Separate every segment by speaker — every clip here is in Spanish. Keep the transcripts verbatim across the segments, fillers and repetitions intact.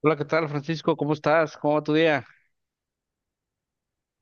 Speaker 1: Hola, ¿qué tal, Francisco? ¿Cómo estás? ¿Cómo va tu día?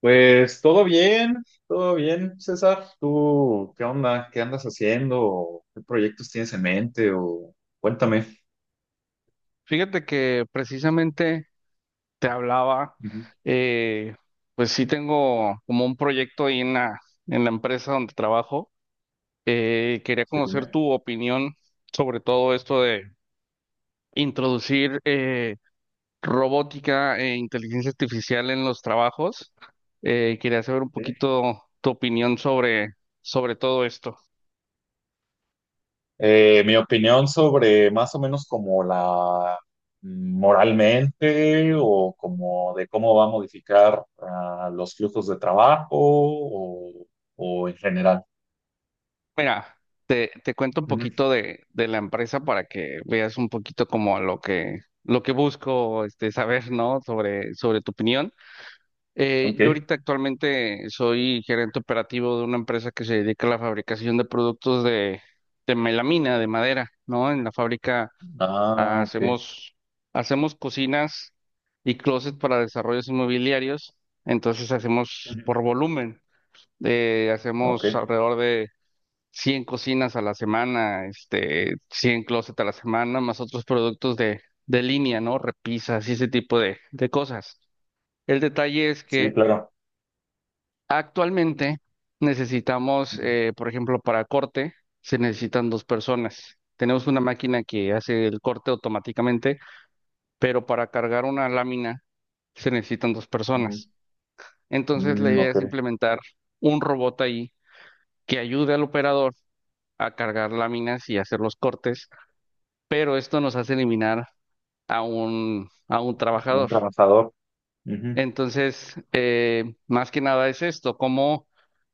Speaker 2: Pues todo bien, todo bien, César. ¿Tú qué onda? ¿Qué andas haciendo? ¿Qué proyectos tienes en mente? O cuéntame.
Speaker 1: Fíjate que precisamente te hablaba,
Speaker 2: Ujú.
Speaker 1: eh, pues sí tengo como un proyecto ahí en la, en la empresa donde trabajo. Eh, quería
Speaker 2: Sí,
Speaker 1: conocer
Speaker 2: dime.
Speaker 1: tu opinión sobre todo esto de introducir eh, robótica e inteligencia artificial en los trabajos. Eh, quería saber un poquito tu opinión sobre, sobre todo esto.
Speaker 2: Eh, mi opinión sobre más o menos como la mm, moralmente o como de cómo va a modificar ah, los flujos de trabajo o, o en general.
Speaker 1: Mira, te, te cuento un
Speaker 2: Ujú.
Speaker 1: poquito de, de la empresa para que veas un poquito como lo que, lo que busco este, saber, ¿no? Sobre, sobre tu opinión. Eh, yo
Speaker 2: Ok.
Speaker 1: ahorita actualmente soy gerente operativo de una empresa que se dedica a la fabricación de productos de, de melamina, de madera, ¿no? En la fábrica ah,
Speaker 2: Ah, ok.
Speaker 1: hacemos, hacemos cocinas y closets para desarrollos inmobiliarios, entonces hacemos
Speaker 2: Ujú.
Speaker 1: por volumen, eh,
Speaker 2: Ok.
Speaker 1: hacemos alrededor de cien cocinas a la semana, este, cien closets a la semana, más otros productos de, de línea, ¿no? Repisas y ese tipo de, de cosas. El detalle es
Speaker 2: Sí,
Speaker 1: que
Speaker 2: claro.
Speaker 1: actualmente necesitamos,
Speaker 2: Ujú.
Speaker 1: eh, por ejemplo, para corte, se necesitan dos personas. Tenemos una máquina que hace el corte automáticamente, pero para cargar una lámina se necesitan dos
Speaker 2: Ujú.
Speaker 1: personas. Entonces la
Speaker 2: Mm,
Speaker 1: idea
Speaker 2: ok.
Speaker 1: es implementar un robot ahí que ayude al operador a cargar láminas y hacer los cortes, pero esto nos hace eliminar a un, a un
Speaker 2: Un
Speaker 1: trabajador.
Speaker 2: trabajador. Ujú.
Speaker 1: Entonces, eh, más que nada es esto, cómo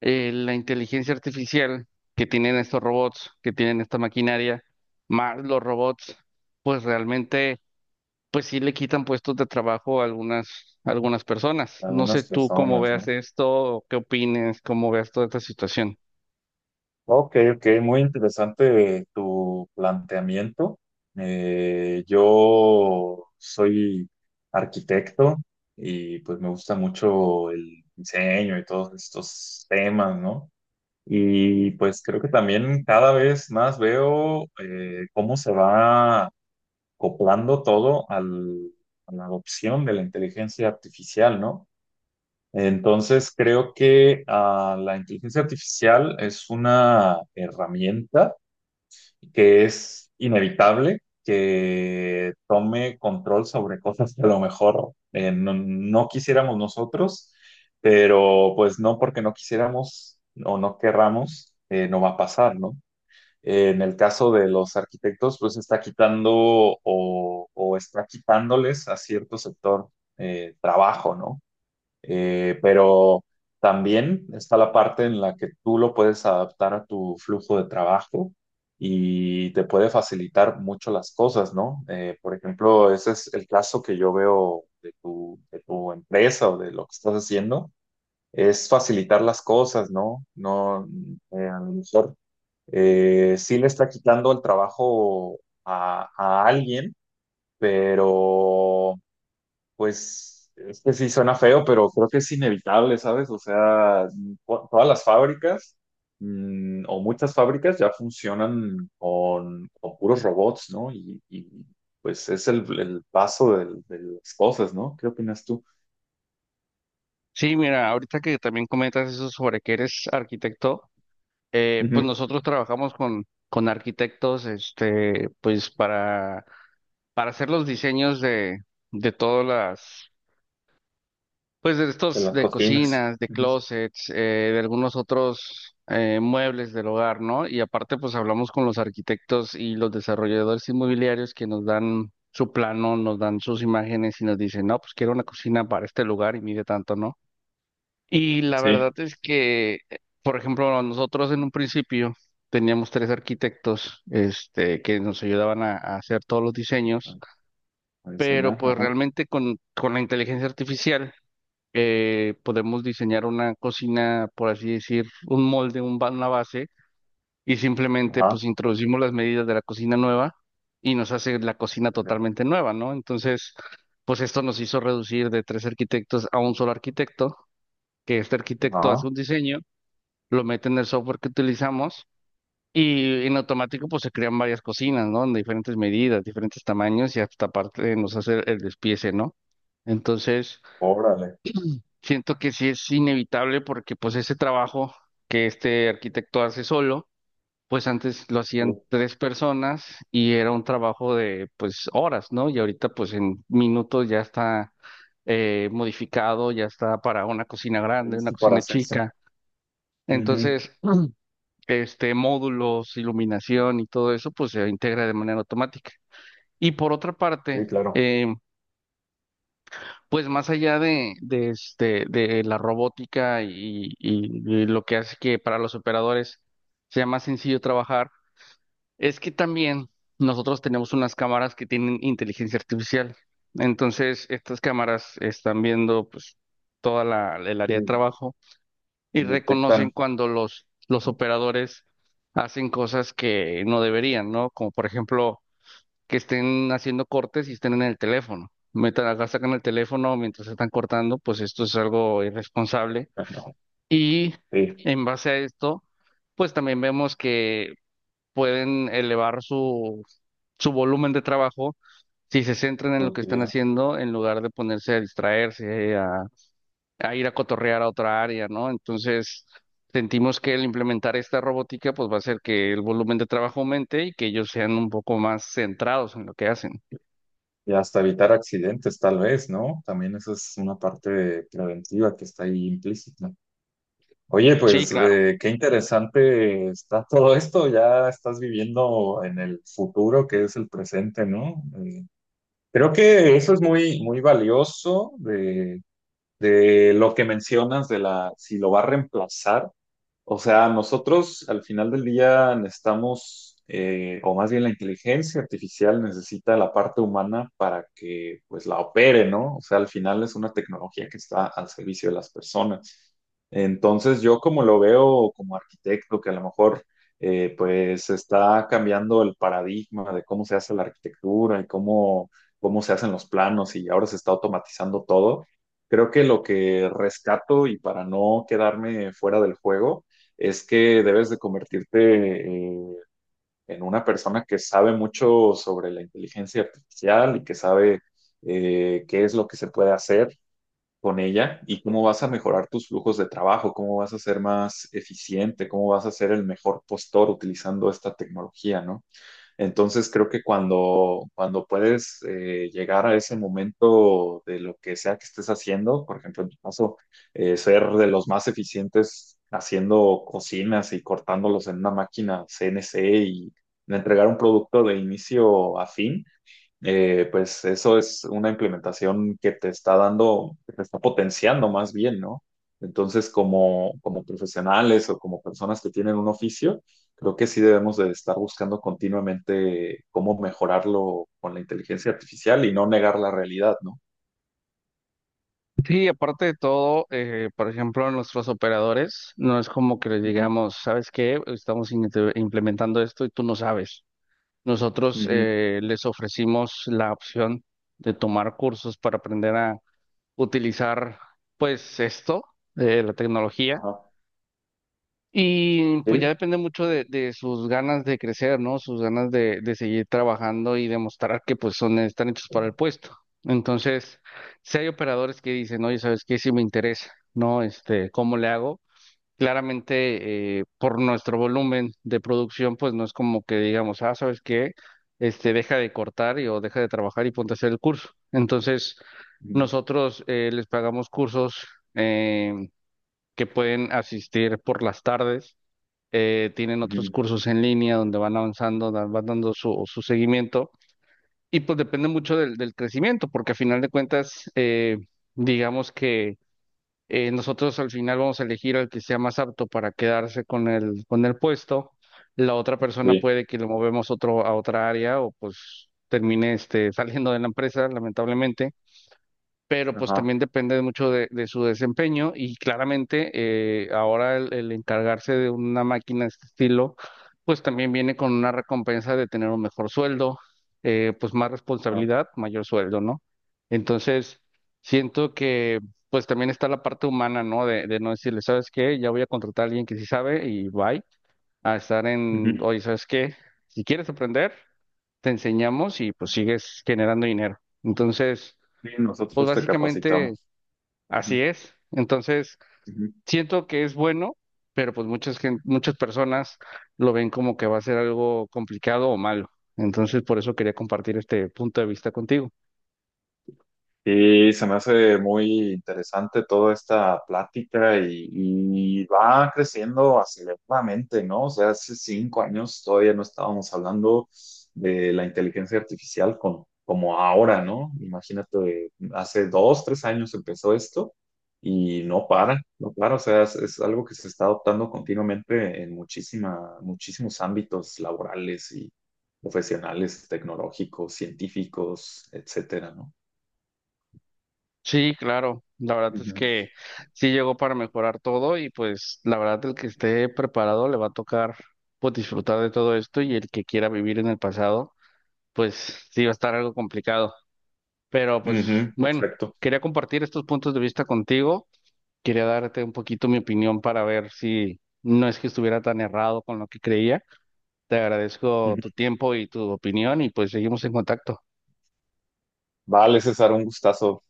Speaker 1: eh, la inteligencia artificial que tienen estos robots, que tienen esta maquinaria, más los robots, pues realmente, pues sí le quitan puestos de trabajo a algunas, a algunas personas. No
Speaker 2: Algunas
Speaker 1: sé tú cómo
Speaker 2: personas,
Speaker 1: veas
Speaker 2: ¿no?
Speaker 1: esto, qué opines, cómo veas toda esta situación.
Speaker 2: Ok, ok, muy interesante tu planteamiento. Eh, yo soy arquitecto y pues me gusta mucho el diseño y todos estos temas, ¿no? Y pues creo que también cada vez más veo eh, cómo se va acoplando todo al- a la adopción de la inteligencia artificial, ¿no? Entonces, creo que ah, la inteligencia artificial es una herramienta que es inevitable que tome control sobre cosas que a lo mejor eh, no, no quisiéramos nosotros, pero pues no porque no quisiéramos o no querramos, eh, no va a pasar, ¿no? En el caso de los arquitectos, pues está quitando o, o está quitándoles a cierto sector eh, trabajo, ¿no? Eh, pero también está la parte en la que tú lo puedes adaptar a tu flujo de trabajo y te puede facilitar mucho las cosas, ¿no? Eh, por ejemplo, ese es el caso que yo veo de tu, de tu empresa o de lo que estás haciendo, es facilitar las cosas, ¿no? No, eh, a lo mejor eh, sí le está quitando el trabajo a a alguien, pero pues es que sí suena feo, pero creo que es inevitable, ¿sabes? O sea, to- todas las fábricas mm, o muchas fábricas ya funcionan con, con puros robots, ¿no? Y, y, pues es el, el paso del- de las cosas, ¿no? ¿Qué opinas tú?
Speaker 1: Sí, mira, ahorita que también comentas eso sobre que eres arquitecto, eh, pues
Speaker 2: Ujú.
Speaker 1: nosotros trabajamos con, con arquitectos, este, pues para, para hacer los diseños de, de todas las, pues de
Speaker 2: De
Speaker 1: estos,
Speaker 2: las
Speaker 1: de
Speaker 2: cocinas.
Speaker 1: cocinas, de
Speaker 2: Ujú.
Speaker 1: closets, eh, de algunos otros eh, muebles del hogar, ¿no? Y aparte, pues hablamos con los arquitectos y los desarrolladores inmobiliarios que nos dan su plano, nos dan sus imágenes y nos dicen, no, pues quiero una cocina para este lugar y mide tanto, ¿no? Y la verdad
Speaker 2: Sí.
Speaker 1: es que, por ejemplo, nosotros en un principio teníamos tres arquitectos, este, que nos ayudaban a, a hacer todos los
Speaker 2: A
Speaker 1: diseños,
Speaker 2: a
Speaker 1: pero
Speaker 2: diseñar, ajá.
Speaker 1: pues realmente con, con la inteligencia artificial eh, podemos diseñar una cocina, por así decir, un molde, un, ba- una base, y simplemente
Speaker 2: Ajá.
Speaker 1: pues introducimos las medidas de la cocina nueva y nos hace la cocina
Speaker 2: Ok.
Speaker 1: totalmente nueva, ¿no? Entonces, pues esto nos hizo reducir de tres arquitectos a un solo arquitecto, que este arquitecto hace
Speaker 2: Ajá.
Speaker 1: un diseño, lo mete en el software que utilizamos y en automático pues se crean varias cocinas, ¿no? En diferentes medidas, diferentes tamaños y hasta aparte nos hace el despiece, ¿no? Entonces,
Speaker 2: Órale.
Speaker 1: siento que sí es inevitable porque pues
Speaker 2: Sí,
Speaker 1: ese trabajo que este arquitecto hace solo, pues antes lo hacían tres personas y era un trabajo de pues horas, ¿no? Y ahorita pues en minutos ya está eh, modificado, ya está para una cocina grande, una
Speaker 2: sí, para
Speaker 1: cocina
Speaker 2: hacerse.
Speaker 1: chica.
Speaker 2: Ujú.
Speaker 1: Entonces, este, módulos, iluminación y todo eso, pues se integra de manera automática. Y por otra parte,
Speaker 2: Sí, claro.
Speaker 1: eh, pues más allá de, de, este, de la robótica y, y- y lo que hace que para los operadores sea más sencillo trabajar, es que también nosotros tenemos unas cámaras que tienen inteligencia artificial. Entonces, estas cámaras están viendo pues toda la, el área de
Speaker 2: Sí.
Speaker 1: trabajo y reconocen
Speaker 2: Detectan.
Speaker 1: cuando los, los
Speaker 2: Ujú.
Speaker 1: operadores hacen cosas que no deberían, ¿no? Como por ejemplo, que estén haciendo cortes y estén en el teléfono. Metan acá, sacan el teléfono mientras están cortando, pues esto es algo irresponsable.
Speaker 2: Ajá.
Speaker 1: Y
Speaker 2: Sí.
Speaker 1: en base a esto, pues también vemos que pueden elevar su, su volumen de trabajo si se centran en lo que están
Speaker 2: Productividad.
Speaker 1: haciendo en lugar de ponerse a distraerse, a ir a cotorrear a otra área, ¿no? Entonces, sentimos que el implementar esta robótica, pues va a hacer que el volumen de trabajo aumente y que ellos sean un poco más centrados en lo que hacen.
Speaker 2: Y hasta evitar accidentes, tal vez, ¿no? También eso es una parte de- preventiva que está ahí implícita. Oye,
Speaker 1: Sí,
Speaker 2: pues
Speaker 1: claro.
Speaker 2: eh, qué interesante está todo esto. Ya estás viviendo en el futuro, que es el presente, ¿no? Eh, creo que eso es muy, muy valioso de, de lo que mencionas de la, si lo va a reemplazar. O sea, nosotros al final del día necesitamos, eh, o más bien la inteligencia artificial necesita la parte humana para que pues la opere, ¿no? O sea, al final es una tecnología que está al servicio de las personas. Entonces, yo como lo veo como arquitecto, que a lo mejor eh, pues está cambiando el paradigma de cómo se hace la arquitectura y cómo, cómo se hacen los planos y ahora se está automatizando todo. Creo que lo que rescato y para no quedarme fuera del juego, es que debes de convertirte eh, en una persona que sabe mucho sobre la inteligencia artificial y que sabe eh, qué es lo que se puede hacer con ella y cómo vas a mejorar tus flujos de trabajo, cómo vas a ser más eficiente, cómo vas a ser el mejor postor utilizando esta tecnología, ¿no? Entonces creo que cuando, cuando puedes eh, llegar a ese momento de lo que sea que estés haciendo, por ejemplo, en tu caso, eh, ser de los más eficientes haciendo cocinas y cortándolos en una máquina C N C y entregar un producto de inicio a fin, eh, pues eso es una implementación que te está dando, que te está potenciando más bien, ¿no? Entonces, como, como profesionales o como personas que tienen un oficio, creo que sí debemos de estar buscando continuamente cómo mejorarlo con la inteligencia artificial y no negar la realidad, ¿no?
Speaker 1: Sí, aparte de todo, eh, por ejemplo, nuestros operadores, no es como que les
Speaker 2: Ujú,
Speaker 1: digamos, ¿sabes qué? Estamos in- implementando esto y tú no sabes. Nosotros
Speaker 2: ujú,
Speaker 1: eh, les ofrecimos la opción de tomar cursos para aprender a utilizar, pues, esto, eh, la tecnología.
Speaker 2: ajá,
Speaker 1: Y pues ya
Speaker 2: sí,
Speaker 1: depende mucho de, de sus ganas de crecer, ¿no? Sus ganas de, de seguir trabajando y demostrar que pues son, están hechos para el puesto. Entonces, si hay operadores que dicen, oye, ¿sabes qué? Si me interesa, ¿no? Este, ¿cómo le hago? Claramente, eh, por nuestro volumen de producción, pues no es como que digamos, ah, ¿sabes qué? Este, deja de cortar y, o deja de trabajar y ponte a hacer el curso. Entonces,
Speaker 2: ujú,
Speaker 1: nosotros eh, les pagamos cursos eh, que pueden asistir por las tardes, eh, tienen otros
Speaker 2: ujú,
Speaker 1: cursos en línea donde van avanzando, dan- van dando su, su seguimiento y pues depende mucho del, del crecimiento, porque a final de cuentas, eh, digamos que eh, nosotros al final vamos a elegir al que sea más apto para quedarse con el, con el puesto, la otra persona
Speaker 2: sí,
Speaker 1: puede que lo movemos otro, a otra área, o pues termine este, saliendo de la empresa, lamentablemente, pero pues
Speaker 2: ajá,
Speaker 1: también depende mucho de, de su desempeño y claramente eh, ahora el, el encargarse de una máquina de este estilo, pues también viene con una recompensa de tener un mejor sueldo, eh, pues más
Speaker 2: ajá,
Speaker 1: responsabilidad, mayor sueldo, ¿no? Entonces, siento que pues también está la parte humana, ¿no? De, de no decirle, ¿sabes qué? Ya voy a contratar a alguien que sí sabe y bye, a estar en,
Speaker 2: ujú,
Speaker 1: oye, ¿sabes qué? Si quieres aprender, te enseñamos y pues sigues generando dinero. Entonces...
Speaker 2: sí,
Speaker 1: Pues
Speaker 2: nosotros te
Speaker 1: básicamente.
Speaker 2: capacitamos.
Speaker 1: Así
Speaker 2: Ujú,
Speaker 1: es. Entonces,
Speaker 2: ujú.
Speaker 1: siento que es bueno, pero pues muchas gen- muchas personas lo ven como que va a ser algo complicado o malo. Entonces, por eso quería compartir este punto de vista contigo.
Speaker 2: Sí, se me hace muy interesante toda esta plática y, y va creciendo aceleradamente, ¿no? O sea, hace cinco años todavía no estábamos hablando de la inteligencia artificial con- como ahora, ¿no? Imagínate, hace dos, tres años empezó esto y no para, no para, o sea, es, es algo que se está adoptando continuamente en muchísima, muchísimos ámbitos laborales y profesionales, tecnológicos, científicos, etcétera, ¿no?
Speaker 1: Sí, claro. La verdad es que sí llegó para mejorar todo y pues la verdad el que esté preparado le va a tocar pues disfrutar de todo esto y el que quiera vivir en el pasado, pues sí va a estar algo complicado. Pero pues
Speaker 2: Ujú,
Speaker 1: bueno,
Speaker 2: exacto.
Speaker 1: quería compartir estos puntos de vista contigo. Quería darte un poquito mi opinión para ver si no es que estuviera tan errado con lo que creía. Te agradezco
Speaker 2: Ujú.
Speaker 1: tu tiempo y tu opinión y pues seguimos en contacto.
Speaker 2: Vale, César, un gustazo.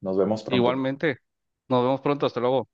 Speaker 2: Nos vemos pronto.
Speaker 1: Igualmente, nos vemos pronto, hasta luego.